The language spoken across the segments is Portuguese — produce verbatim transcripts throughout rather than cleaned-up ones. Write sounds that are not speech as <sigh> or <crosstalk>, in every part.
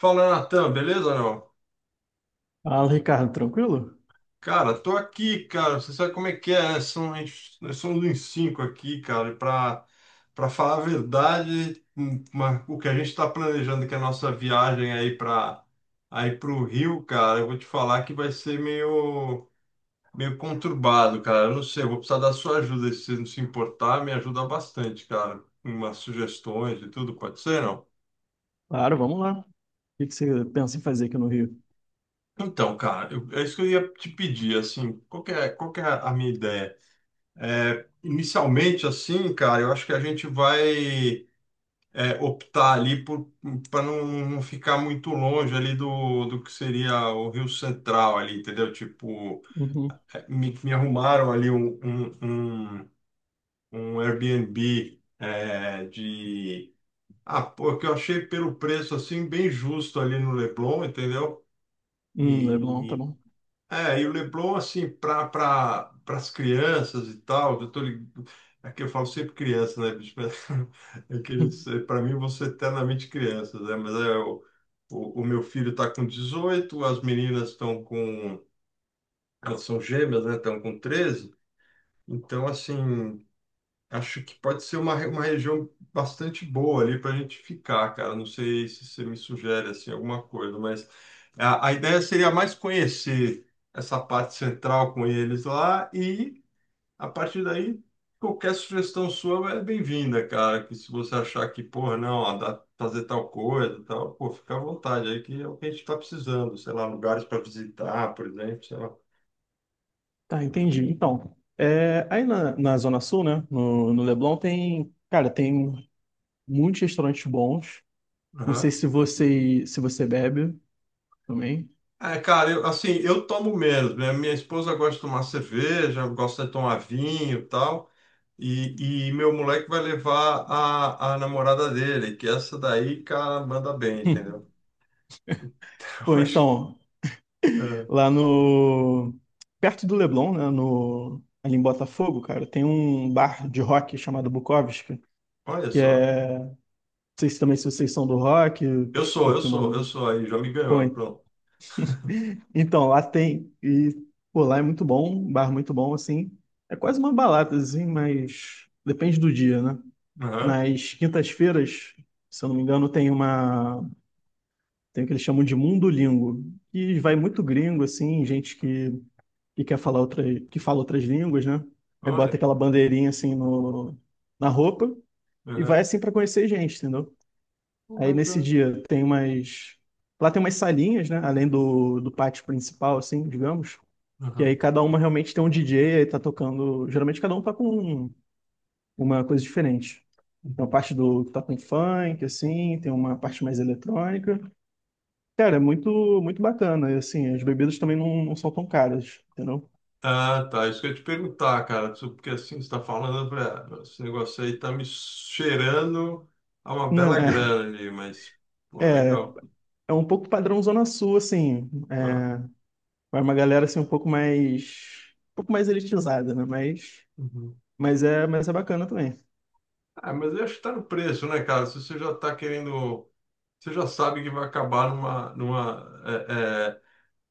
Fala, Natan, beleza ou não? Fala, Ricardo, tranquilo? Cara, tô aqui, cara. Você sabe como é que é, né? São, a gente- nós somos uns cinco aqui, cara. E pra, pra falar a verdade, hum, uma- o que a gente tá planejando, que é a nossa viagem aí pra, aí pro Rio, cara, eu vou te falar que vai ser meio, meio conturbado, cara. Eu não sei, eu vou precisar da sua ajuda. Se você não se importar, me ajuda bastante, cara. Umas sugestões e tudo, pode ser, não? Claro, vamos lá. O que que você pensa em fazer aqui no Rio? Então, cara, eu- é isso que eu ia te pedir, assim, qual que é, qual que é a minha ideia? É, inicialmente, assim, cara, eu acho que a gente vai é, optar ali por para não, não ficar muito longe ali do, do que seria o Rio Central ali, entendeu? Tipo, Uhum. é, me, me arrumaram ali um, um, um, um Airbnb é, de... Ah, pô, que eu achei pelo preço, assim, bem justo ali no Leblon, entendeu? Hum, Leblon, tá E bom. é, e o Leblon, assim, para pra, pra- as crianças e tal, eu tô lig- é que eu falo sempre criança, né, bicho? Mas <laughs> é que <laughs> eles- Uhum. pra mim, você eternamente crianças, né? Mas é, o, o, o meu filho está com dezoito, as meninas estão com... Elas são gêmeas, né? Estão com treze. Então, assim, acho que pode ser uma, re- uma região bastante boa ali para a gente ficar, cara. Não sei se você me sugere assim alguma coisa, mas a, a ideia seria mais conhecer essa parte central com eles lá e, a partir daí, qualquer sugestão sua é bem-vinda, cara. Que se você achar que, porra, não, ó, dá pra fazer tal coisa, tal, pô, fica à vontade aí que é o que a gente está precisando, sei lá, lugares para visitar, por exemplo, sei Tá, entendi. Então, é, aí na, na Zona Sul, né, no, no Leblon tem, cara, tem muitos restaurantes bons. Não sei lá. se você, se você bebe também. É, cara, eu, assim, eu tomo menos, né? Minha esposa gosta de tomar cerveja, gosta de tomar vinho e tal, e, e meu moleque vai levar a, a namorada dele, que essa daí, cara, manda bem, <laughs> entendeu? Hum. <laughs> Então, Pô, eu acho, então, é, lá no, perto do Leblon, né, no, ali em Botafogo, cara, tem um bar de rock chamado Bukowski, olha que só, é, não sei se também se vocês são do rock, eu se sou, eu curtem sou, eu uma. sou aí, já me ganhou, Foi. pronto. Então, lá tem. E, pô, lá é muito bom, um bar muito bom, assim. É quase uma balada, assim, mas depende do dia, né? Aham, Nas quintas-feiras, se eu não me engano, tem uma. Tem o que eles chamam de Mundolingo. E vai muito gringo, assim, gente que, que, quer falar outra, que fala outras línguas, né? Aí olha, bota aquela bandeirinha assim no, na roupa e vai aham, assim para conhecer gente, entendeu? Aí olha, nesse cara. dia tem umas. Lá tem umas salinhas, né? Além do, do pátio principal, assim, digamos. Que aí Aham, cada uma realmente tem um D J, aí tá tocando. Geralmente cada um tá com uma coisa diferente. Tem uma uhum. parte do que tá com funk, assim, tem uma parte mais eletrônica. Cara, é muito, muito bacana. E assim, as bebidas também não, não são tão caras, entendeu? Ah, tá. Isso que eu ia te perguntar, cara. Isso- porque assim, você está falando, eu falei, ah, meu, esse negócio aí tá me cheirando a uma Não, bela é, grana ali, mas, pô, é, legal. é um pouco padrão Zona Sul, assim. Ah, É, vai uma galera assim um pouco mais, um pouco mais elitizada, né? Mas, uhum. mas é, mas é bacana também. Ah, mas eu acho que tá no preço, né, cara? Se você já tá querendo. Você já sabe que vai acabar numa. Numa é, é-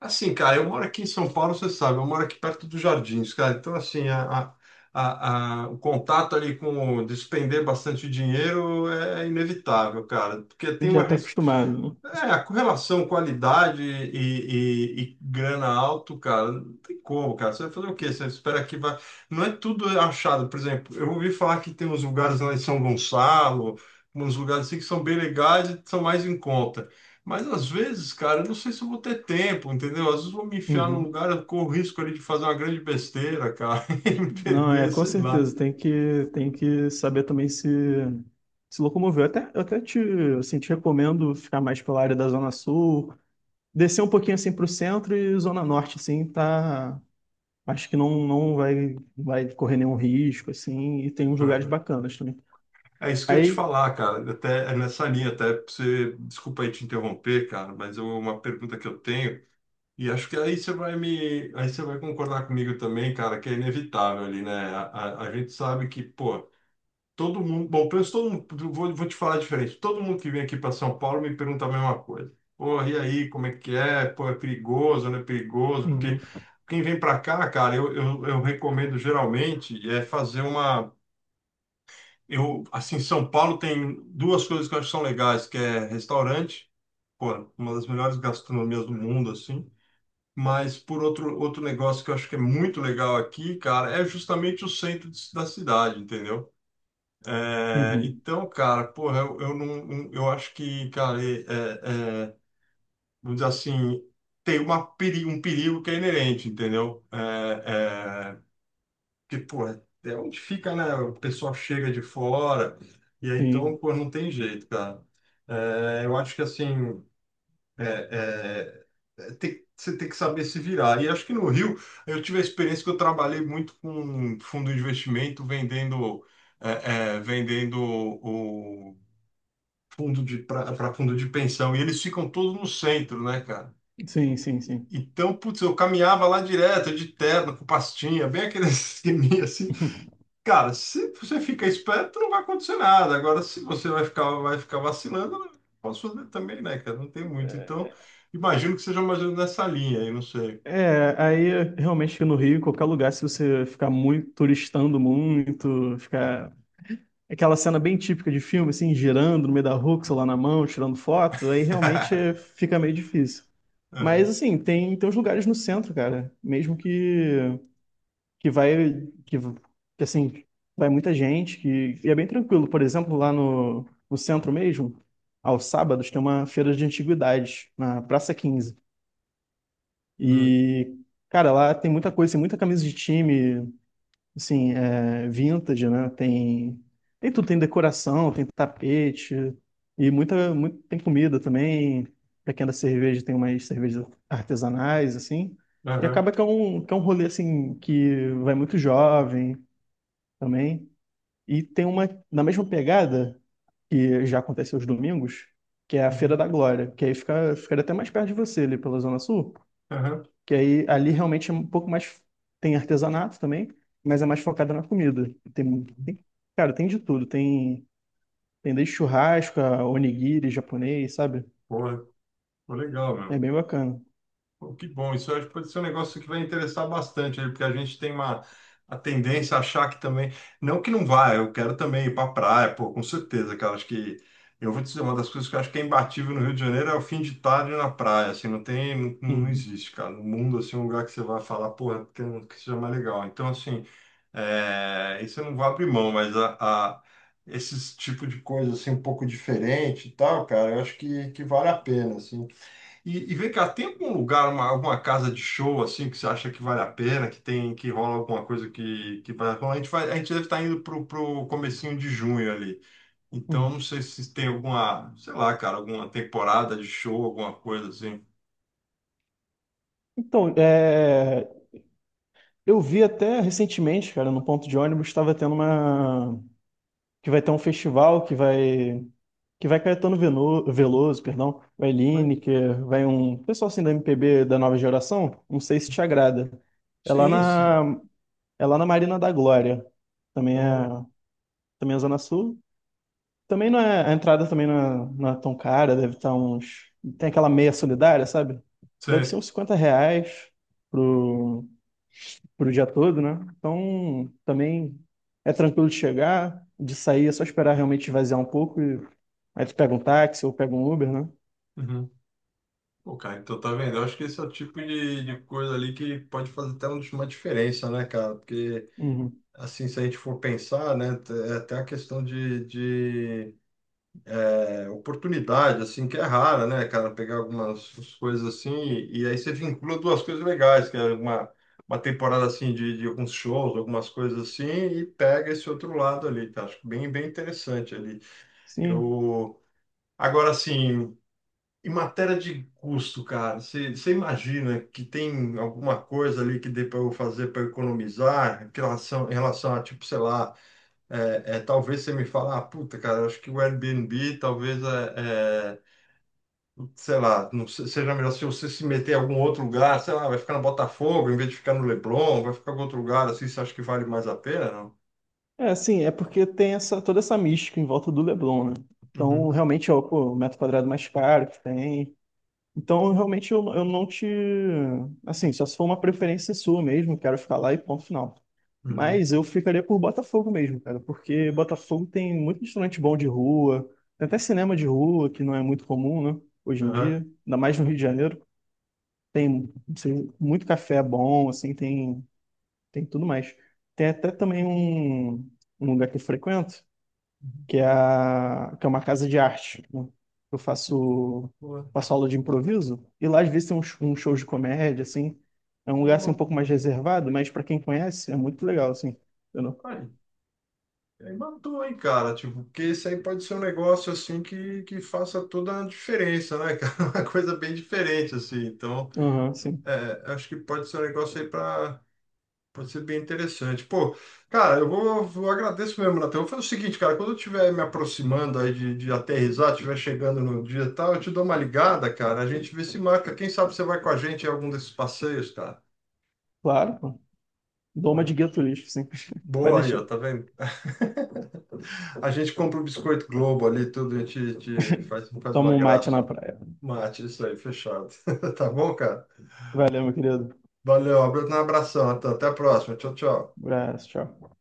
assim, cara, eu moro aqui em São Paulo, você sabe, eu moro aqui perto dos Jardins, cara. Então, assim, a, a- a- a- o contato ali com o despender bastante dinheiro é inevitável, cara, porque A tem gente uma, já tá res- acostumado, né? é, a correlação qualidade e, e- e grana alto, cara, não tem como, cara. Você vai fazer o quê? Você espera que vai. Não é tudo achado. Por exemplo, eu ouvi falar que tem uns lugares lá em São Gonçalo, uns lugares assim que são bem legais e são mais em conta. Mas às vezes, cara, eu não sei se eu vou ter tempo, entendeu? Às vezes eu vou me enfiar num Uhum. lugar, eu corro o risco ali de fazer uma grande besteira, cara, <laughs> e me Não, é perder, com sei lá. certeza, tem que, tem que, saber também se, se locomover. Eu até, eu até te, assim, te recomendo ficar mais pela área da Zona Sul, descer um pouquinho assim para o centro e Zona Norte, assim, tá. Acho que não, não vai, vai correr nenhum risco, assim, e tem uns lugares bacanas também. É isso que eu ia te Aí. falar, cara. Até é nessa linha, até pra você, desculpa aí te interromper, cara, mas é uma pergunta que eu tenho e acho que aí você vai me, aí você vai concordar comigo também, cara, que é inevitável ali, né? A, a- a gente sabe que, pô, todo mundo, bom, pelo menos todo mundo, vou, vou te falar diferente. Todo mundo que vem aqui para São Paulo me pergunta a mesma coisa. Pô, e aí, como é que é? Pô, é perigoso, não é perigoso? Uhum, Porque quem vem para cá, cara, eu, eu, eu recomendo geralmente é fazer uma eu, assim, São Paulo tem duas coisas que eu acho que são legais, que é restaurante, pô, uma das melhores gastronomias do mundo, assim. Mas por outro, outro negócio que eu acho que é muito legal aqui, cara, é justamente o centro de- da cidade, entendeu? É, uhum, então, cara, porra, eu, eu não, eu acho que, cara, é, é, é, vamos dizer assim, tem uma peri- um perigo que é inerente, entendeu? É, é, porque, pô, é é onde fica, né? O pessoal chega de fora, e aí então, sim, pô, não tem jeito, cara. É, eu acho que assim, é, é, é, tem- você tem que saber se virar. E acho que no Rio, eu tive a experiência que eu trabalhei muito com fundo de investimento, vendendo, é, é, vendendo o fundo de para fundo de pensão, e eles ficam todos no centro, né, cara? sim, sim, sim. Então, putz, eu caminhava lá direto, de terno, com pastinha, bem aquele <laughs> esqueminha assim. <laughs> Cara, se você fica esperto, não vai acontecer nada. Agora, se você vai ficar, vai ficar vacilando, não posso fazer também, né, cara? Não tem muito. Então, imagino que seja mais ou menos nessa linha aí, não sei. É, aí realmente no Rio, qualquer lugar, se você ficar muito turistando muito, ficar. Aquela cena bem típica de filme, assim, girando no meio da rua, com o celular na mão, tirando foto, aí realmente é, <laughs> fica meio difícil. Mas, É. assim, tem, tem, uns lugares no centro, cara, mesmo que, que vai, que, que, assim, vai muita gente, que, e é bem tranquilo. Por exemplo, lá no, no centro mesmo, aos sábados, tem uma feira de antiguidades, na Praça Quinze. Hum. E, cara, lá tem muita coisa, tem muita camisa de time, assim, é, vintage, né? Tem, tem, tudo, tem decoração, tem tapete e muita, muito, tem comida também. Pra quem é da cerveja, tem umas cervejas artesanais, assim. E Aham. acaba que é um, que é um rolê, assim, que vai muito jovem também. E tem uma, na mesma pegada, que já acontece aos domingos, que é a Feira Uhum. da Glória, que aí fica, fica, até mais perto de você, ali pela Zona Sul. Aham. Que aí ali realmente é um pouco mais. Tem artesanato também, mas é mais focada na comida. Tem, Uhum. Tem- cara, tem de tudo. Tem, tem desde churrasco, a onigiri japonês, sabe? Pô, pô, legal, É meu. bem bacana. Pô, que bom, isso acho que pode ser um negócio que vai interessar bastante, aí, porque a gente tem uma a tendência a achar que também, não que não vai. Eu quero também ir para praia, pô, com certeza, cara, acho que eu vou te dizer uma das coisas que eu acho que é imbatível no Rio de Janeiro é o fim de tarde na praia, assim, não tem, não, não Uhum, existe, cara, no mundo assim um lugar que você vai falar, porra, que, que seja mais legal. Então, assim, é, isso eu não vou abrir mão, mas a, a- esses tipo de coisa assim um pouco diferente e tal, cara, eu acho que, que vale a pena, assim. E, e vem cá, tem algum lugar, uma, alguma casa de show assim que você acha que vale a pena, que tem, que rola alguma coisa que, que vale a pena? A gente vai, a gente deve estar indo pro, pro comecinho de junho ali. Então, uhum. não sei se tem alguma, sei lá, cara, alguma temporada de show, alguma coisa assim. Então, é, eu vi até recentemente, cara, no ponto de ônibus, estava tendo uma. Que vai ter um festival que vai. Que vai Caetano Veno- Veloso, perdão, vai Mas, Lineker, vai um pessoal assim da M P B da nova geração, não sei se te agrada. É lá sim, sim. na É lá na Marina da Glória. Também é, Pô, também é Zona Sul. Também não é, A entrada também não é, não é tão cara, deve estar uns. Tem aquela meia solidária, sabe? Deve ser sei. uns cinquenta reais pro, pro dia todo, né? Então também é tranquilo de chegar, de sair, é só esperar realmente esvaziar um pouco e aí tu pega um táxi ou pega um Uber, né? Uhum. Pô, cara, então tá vendo? Eu acho que esse é o tipo de, de coisa ali que pode fazer até uma diferença, né, cara? Porque, Uhum. assim, se a gente for pensar, né, é até a questão de... de é oportunidade, assim, que é rara, né, cara? Pegar algumas coisas assim, e aí você vincula duas coisas legais, que é uma, uma temporada, assim, de, de alguns shows, algumas coisas assim, e pega esse outro lado ali, tá? Acho bem, bem interessante ali. Sim. Eu... Agora, assim, em matéria de custo, cara, você você imagina que tem alguma coisa ali que dê para eu fazer para economizar em relação, em relação a, tipo, sei lá, é, é, talvez você me fale, ah, puta, cara, acho que o Airbnb talvez é, é, sei lá, não se- seja melhor se você se meter em algum outro lugar, sei lá, vai ficar no Botafogo em vez de ficar no Leblon, vai ficar em outro lugar assim, você acha que vale mais a pena, não? É sim, é porque tem essa, toda essa mística em volta do Leblon, né? Então, Uhum, realmente é o, pô, o metro quadrado mais caro que tem. Então, realmente, eu, eu não te. Assim, só se for uma preferência sua mesmo, quero ficar lá e ponto final. uhum, Mas eu ficaria por Botafogo mesmo, cara, porque Botafogo tem muito restaurante bom de rua, tem até cinema de rua, que não é muito comum, né, hoje em aham. dia, ainda mais no Rio de Janeiro. Tem, assim, muito café bom, assim, tem, tem, tudo mais. Tem até também um, um lugar que eu frequento, que é, a, que é uma casa de arte, né? Eu faço, Boa, faço aula de improviso e lá às vezes tem uns, uns shows de comédia, assim. É um lugar assim, um boa. pouco mais reservado, mas para quem conhece é muito legal, assim. Entendeu? Aí, aí matou, hein, cara? Tipo, porque isso aí pode ser um negócio assim que, que faça toda a diferença, né, cara? <laughs> Uma coisa bem diferente, assim. Então, Aham, sim. é, acho que pode ser um negócio aí para pode ser bem interessante. Pô, cara, eu vou, eu agradeço mesmo, Natan. Eu vou fazer o seguinte, cara, quando eu estiver me aproximando aí de, de aterrissar, estiver chegando no dia e tal, eu te dou uma ligada, cara. A gente vê se marca. Quem sabe você vai com a gente em algum desses passeios, cara. Claro, pô. Dou Pô, uma de gueto lixo, sim. <laughs> Vai boa aí, ó, deixar. tá vendo? A gente compra o biscoito Globo ali, tudo, a gente, te faz, faz uma Toma um mate graça, na ó. praia. Mate, isso aí, fechado. <laughs> Tá bom, cara? Valeu, meu querido. Valeu, um abração, Natan. Até a próxima. Tchau, tchau. Abraço, tchau.